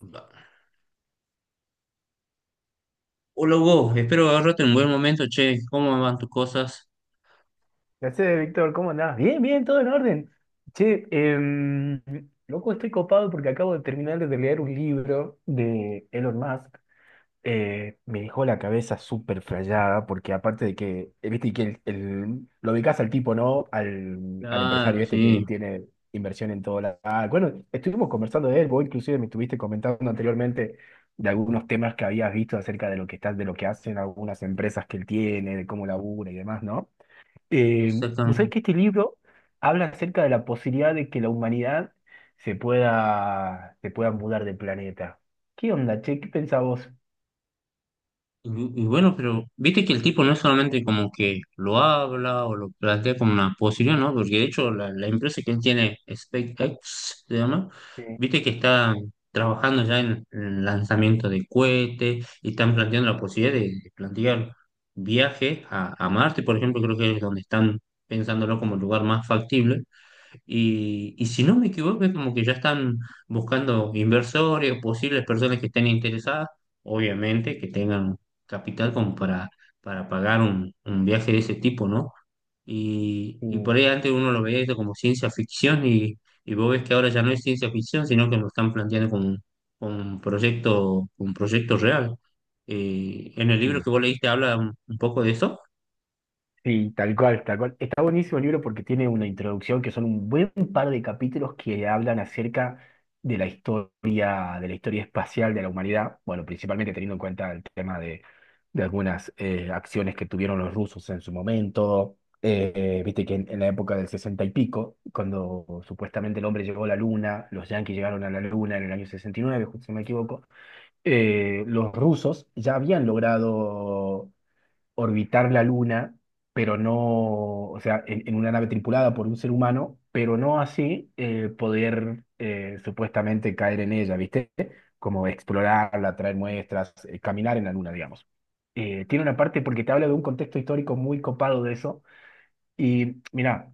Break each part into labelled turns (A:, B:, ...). A: Va. Hola Hugo, espero agarrarte en un buen momento, che, ¿cómo van tus cosas?
B: ¿Qué haces, Víctor? ¿Cómo andás? Bien, bien, todo en orden. Che, loco, estoy copado porque acabo de terminar de leer un libro de Elon Musk. Me dejó la cabeza súper frayada porque aparte de que, viste, que lo ubicás al tipo, ¿no? Al
A: Claro,
B: empresario este que
A: sí,
B: tiene inversión en todo la. Ah, bueno, estuvimos conversando de él, vos inclusive me estuviste comentando anteriormente de algunos temas que habías visto acerca de lo que hacen algunas empresas que él tiene, de cómo labura y demás, ¿no? Eh, vos
A: exactamente.
B: sabés que este libro habla acerca de la posibilidad de que la humanidad se pueda mudar de planeta. ¿Qué onda, che? ¿Qué pensás vos?
A: Y, y bueno, pero viste que el tipo no es solamente como que lo habla o lo plantea como una posibilidad, ¿no? Porque de hecho la empresa que él tiene, SpaceX, se llama,
B: Sí,
A: viste que está trabajando ya en el lanzamiento de cohetes y están planteando la posibilidad de plantear viajes a Marte, por ejemplo, creo que es donde están pensándolo como el lugar más factible. Y si no me equivoco, es como que ya están buscando inversores, posibles personas que estén interesadas, obviamente que tengan capital como para pagar un viaje de ese tipo, ¿no? Y
B: sí,
A: por ahí antes uno lo veía eso como ciencia ficción y vos ves que ahora ya no es ciencia ficción, sino que lo están planteando como, como un proyecto real. En el libro
B: sí.
A: que vos leíste habla un poco de eso.
B: Sí, tal cual, tal cual. Está buenísimo el libro porque tiene una introducción que son un buen par de capítulos que hablan acerca de la historia espacial de la humanidad. Bueno, principalmente teniendo en cuenta el tema de algunas acciones que tuvieron los rusos en su momento. Viste que en la época del sesenta y pico, cuando supuestamente el hombre llegó a la luna, los yanquis llegaron a la luna en el año 69, justo si no me equivoco, los rusos ya habían logrado orbitar la Luna, pero no, o sea, en una nave tripulada por un ser humano, pero no así poder supuestamente caer en ella, ¿viste? Como explorarla, traer muestras, caminar en la Luna, digamos. Tiene una parte porque te habla de un contexto histórico muy copado de eso. Y mira,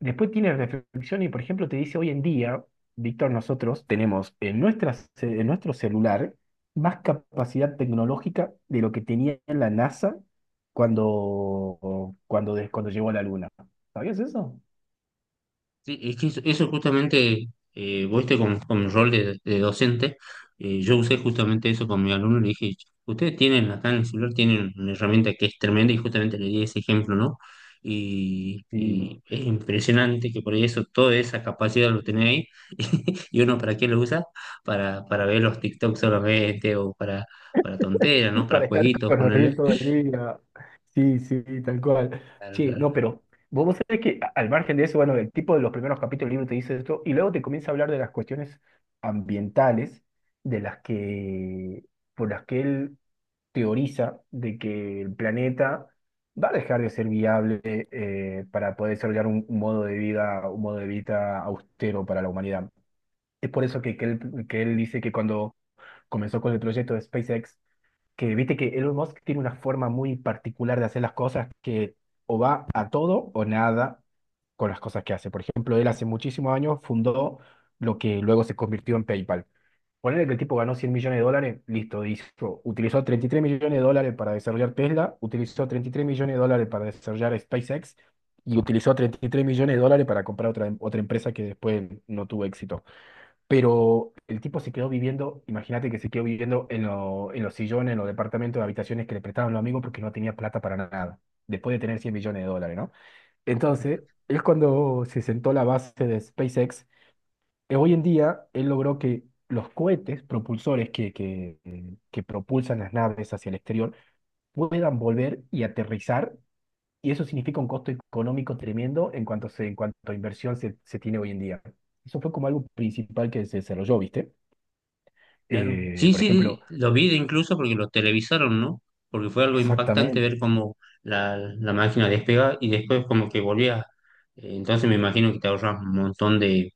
B: después tiene reflexión y, por ejemplo, te dice hoy en día, Víctor, nosotros tenemos en nuestro celular más capacidad tecnológica de lo que tenía la NASA cuando llegó a la Luna. ¿Sabías eso?
A: Sí, es que eso justamente, vos este con mi rol de docente, yo usé justamente eso con mi alumno, le dije, ustedes tienen acá en el celular, tienen una herramienta que es tremenda y justamente le di ese ejemplo, ¿no? Y,
B: Sí.
A: y es impresionante que por ahí eso, toda esa capacidad lo tenés ahí. Y uno para qué lo usa, para ver los TikToks solamente o para tonteras, ¿no? Para
B: Para estar
A: jueguitos, ponerle.
B: corriendo todo el día. Sí, sí, tal cual. Sí, no, pero vos sabés que al margen de eso, bueno, el tipo de los primeros capítulos del libro te dice esto, y luego te comienza a hablar de las cuestiones ambientales, de las que, por las que él teoriza de que el planeta va a dejar de ser viable, para poder desarrollar un modo de vida, un modo de vida austero para la humanidad. Es por eso que él dice que cuando comenzó con el proyecto de SpaceX, que viste que Elon Musk tiene una forma muy particular de hacer las cosas, que o va a todo o nada con las cosas que hace. Por ejemplo, él hace muchísimos años fundó lo que luego se convirtió en PayPal. Ponerle que el tipo ganó 100 millones de dólares, listo, hizo, utilizó 33 millones de dólares para desarrollar Tesla, utilizó 33 millones de dólares para desarrollar SpaceX y utilizó 33 millones de dólares para comprar otra empresa que después no tuvo éxito. Pero el tipo se quedó viviendo, imagínate que se quedó viviendo en los sillones, en los departamentos de habitaciones que le prestaban los amigos porque no tenía plata para nada, después de tener 100 millones de dólares, ¿no? Entonces, es cuando se sentó la base de SpaceX. Hoy en día, él logró que los cohetes propulsores que propulsan las naves hacia el exterior puedan volver y aterrizar, y eso significa un costo económico tremendo en cuanto a inversión se tiene hoy en día. Eso fue como algo principal que se desarrolló, ¿viste?
A: Claro.
B: Eh,
A: Sí,
B: por
A: sí,
B: ejemplo,
A: lo vi de incluso porque lo televisaron, ¿no? Porque fue algo impactante
B: exactamente.
A: ver cómo la máquina despega y después como que volvía. Entonces me imagino que te ahorras un montón de,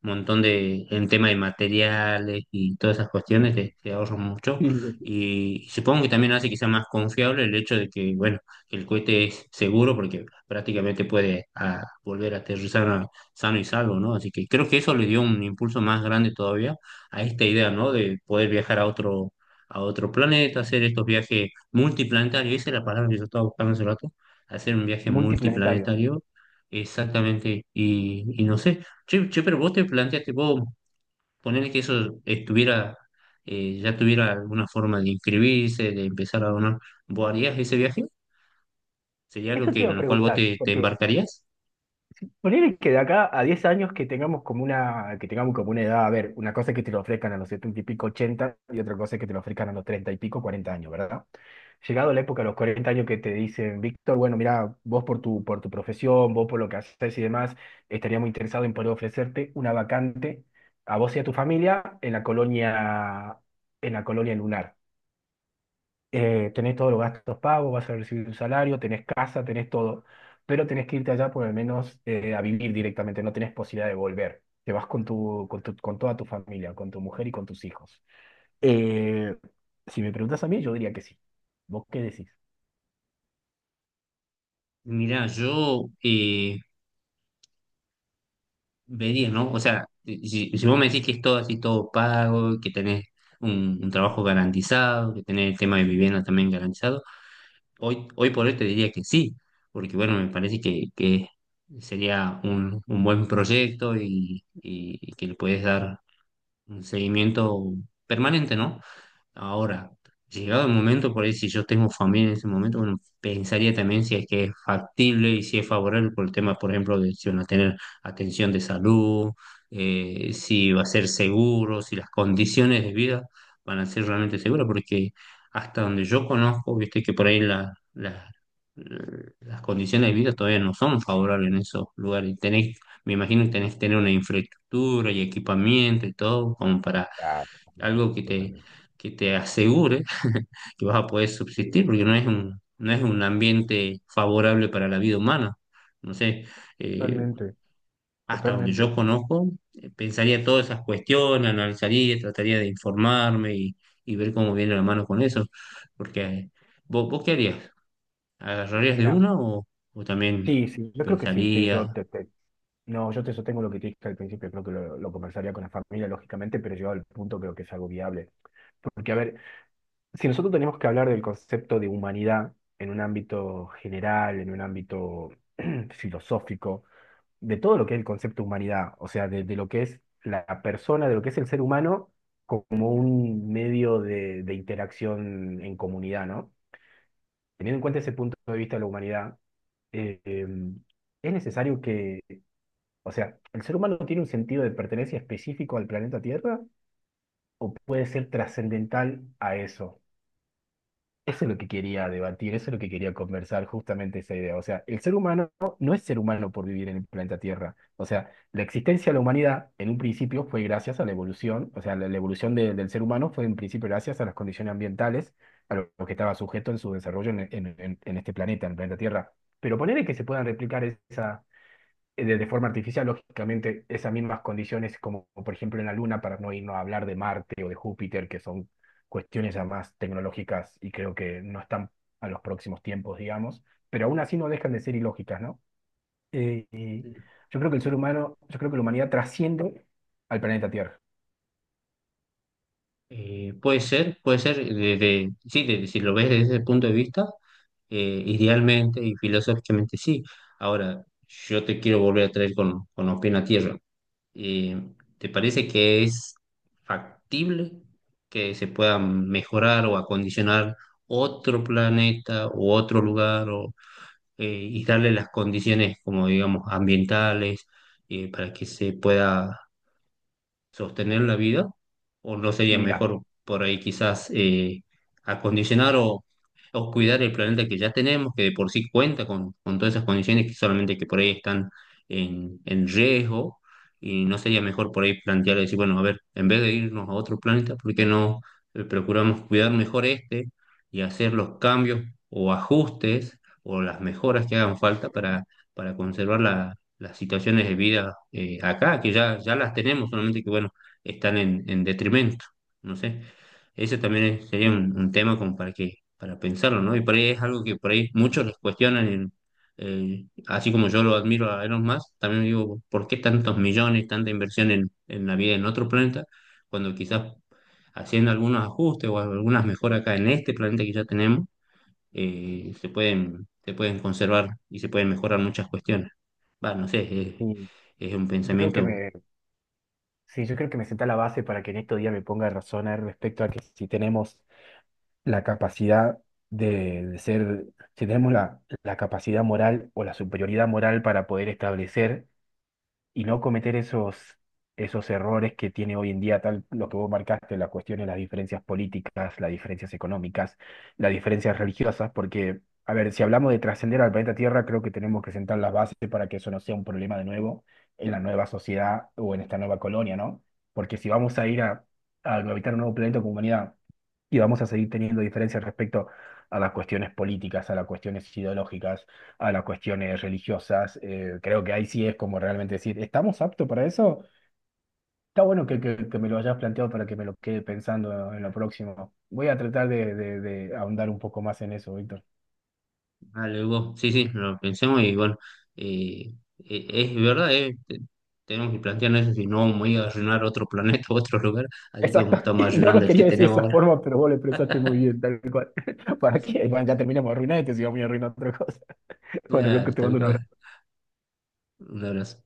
A: montón de, en tema de materiales y todas esas
B: Y,
A: cuestiones, te ahorran mucho.
B: y
A: Y, supongo que también hace que sea más confiable el hecho de que, bueno, que el cohete es seguro porque prácticamente puede volver a aterrizar sano y salvo, ¿no? Así que creo que eso le dio un impulso más grande todavía a esta idea, ¿no? De poder viajar a a otro planeta, hacer estos viajes multiplanetarios, esa es la palabra que yo estaba buscando hace rato, hacer un viaje
B: multiplanetario.
A: multiplanetario, exactamente, y no sé. Che, pero vos te planteaste, vos ponerle que eso estuviera, ya tuviera alguna forma de inscribirse, de empezar a donar, ¿vos harías ese viaje? ¿Sería algo
B: Eso te
A: que,
B: iba a
A: en lo cual vos
B: preguntar,
A: te
B: porque
A: embarcarías?
B: ponele que de acá a 10 años que tengamos como una edad, a ver, una cosa es que te lo ofrezcan a los 70 y pico, 80, y otra cosa es que te lo ofrezcan a los 30 y pico, 40 años, ¿verdad? Llegado la época, a los 40 años que te dicen, Víctor, bueno, mira, vos por tu profesión, vos por lo que haces y demás, estaría muy interesado en poder ofrecerte una vacante a vos y a tu familia en la colonia lunar. Tenés todos los gastos pagos, vas a recibir un salario, tenés casa, tenés todo, pero tenés que irte allá por al menos a vivir directamente, no tenés posibilidad de volver. Te vas con toda tu familia, con tu mujer y con tus hijos. Eh, si me preguntas a mí, yo diría que sí. ¿Vos qué decís?
A: Mirá, yo vería, ¿no? O sea, si vos me decís que es todo así, todo pago, que tenés un trabajo garantizado, que tenés el tema de vivienda también garantizado, hoy por hoy te diría que sí, porque bueno, me parece que sería un buen proyecto y que le puedes dar un seguimiento permanente, ¿no? Ahora, llegado el momento, por ahí si yo tengo familia en ese momento, bueno, pensaría también si es que es factible y si es favorable por el tema, por ejemplo, de si van a tener atención de salud, si va a ser seguro, si las condiciones de vida van a ser realmente seguras, porque hasta donde yo conozco, viste que por ahí las condiciones de vida todavía no son favorables en esos lugares. Y tenés, me imagino que tenés que tener una infraestructura y equipamiento y todo como para
B: Ah, totalmente.
A: algo que
B: Totalmente.
A: que te asegure que vas a poder
B: Sí.
A: subsistir, porque no es un, no es un ambiente favorable para la vida humana. No sé, eh,
B: Totalmente,
A: hasta donde yo
B: totalmente.
A: conozco, pensaría todas esas cuestiones, analizaría, trataría de informarme y ver cómo viene la mano con eso. Porque, ¿vos, vos qué harías? ¿Agarrarías de
B: Mira,
A: una o también
B: sí, sí, yo creo que sí, sí,
A: pensarías?
B: no, yo te sostengo lo que te dije al principio, creo que lo conversaría con la familia, lógicamente, pero llegado al punto creo que es algo viable. Porque, a ver, si nosotros tenemos que hablar del concepto de humanidad en un ámbito general, en un ámbito filosófico, de todo lo que es el concepto de humanidad, o sea, de lo que es la persona, de lo que es el ser humano como un medio de interacción en comunidad, ¿no? Teniendo en cuenta ese punto de vista de la humanidad, eh, em, es necesario que, o sea, ¿el ser humano tiene un sentido de pertenencia específico al planeta Tierra o puede ser trascendental a eso? Eso es lo que quería debatir, eso es lo que quería conversar, justamente esa idea. O sea, el ser humano no es ser humano por vivir en el planeta Tierra. O sea, la existencia de la humanidad en un principio fue gracias a la evolución, o sea, la evolución del ser humano fue en principio gracias a las condiciones ambientales, a lo que estaba sujeto en su desarrollo en este planeta, en el planeta Tierra. Pero ponerle que se puedan replicar esa, de forma artificial, lógicamente, esas mismas condiciones, como por ejemplo en la Luna, para no irnos a hablar de Marte o de Júpiter, que son cuestiones ya más tecnológicas y creo que no están a los próximos tiempos, digamos, pero aún así no dejan de ser ilógicas, ¿no? Y yo creo que el ser humano, yo creo que la humanidad trasciende al planeta Tierra.
A: Puede ser, puede ser, sí, si lo ves desde ese punto de vista, idealmente y filosóficamente sí. Ahora, yo te quiero volver a traer con los pies en la tierra. Eh, ¿Te parece que es factible que se pueda mejorar o acondicionar otro planeta u otro lugar o, eh, y darle las condiciones como digamos ambientales para que se pueda sostener la vida? ¿O no sería
B: Mira,
A: mejor por ahí quizás acondicionar o cuidar el planeta que ya tenemos, que de por sí cuenta con todas esas condiciones que solamente que por ahí están en riesgo? ¿Y no sería mejor por ahí plantear, decir, bueno, a ver, en vez de irnos a otro planeta, ¿por qué no procuramos cuidar mejor este y hacer los cambios o ajustes o las mejoras que hagan falta para conservar las situaciones de vida acá, que ya las tenemos, solamente que, bueno, están en detrimento, no sé. Ese también sería
B: y-
A: un tema como para que, para pensarlo, ¿no? Y por ahí es algo que por ahí
B: y-
A: muchos les cuestionan, así como yo lo admiro a Elon Musk, también digo, ¿por qué tantos millones, tanta inversión en la vida en otro planeta, cuando quizás haciendo algunos ajustes o algunas mejoras acá en este planeta que ya tenemos, se pueden conservar y se pueden mejorar muchas cuestiones? Bueno, no sé,
B: y
A: es un
B: yo creo que
A: pensamiento,
B: me, sí, yo creo que me senta la base para que en estos días me ponga a razonar respecto a que si tenemos la capacidad de, de ser, si tenemos la capacidad moral o la superioridad moral para poder establecer y no cometer esos errores que tiene hoy en día, tal lo que vos marcaste, la cuestión de las diferencias políticas, las diferencias económicas, las diferencias religiosas, porque, a ver, si hablamos de trascender al planeta Tierra, creo que tenemos que sentar las bases para que eso no sea un problema de nuevo en la nueva sociedad o en esta nueva colonia, ¿no? Porque si vamos a ir a habitar un nuevo planeta como humanidad y vamos a seguir teniendo diferencias respecto a las cuestiones políticas, a las cuestiones ideológicas, a las cuestiones religiosas. Creo que ahí sí es como realmente decir, ¿estamos aptos para eso? Está bueno que me lo hayas planteado para que me lo quede pensando en lo próximo. Voy a tratar de ahondar un poco más en eso, Víctor.
A: algo, sí, sí, lo pensemos y bueno, eh, es verdad, tenemos que plantearnos eso, si no vamos a ir a arruinar otro planeta, otro lugar, así
B: Exacto,
A: como estamos
B: no lo
A: arruinando el que
B: quería decir de
A: tenemos
B: esa
A: ahora.
B: forma, pero vos lo expresaste muy bien, tal cual. ¿Para
A: Sí.
B: qué? Bueno, ya terminamos arruinado y te sigo muy arruinado otra cosa. Bueno, loco,
A: Claro,
B: te
A: tal
B: mando un
A: cual.
B: abrazo.
A: Un abrazo.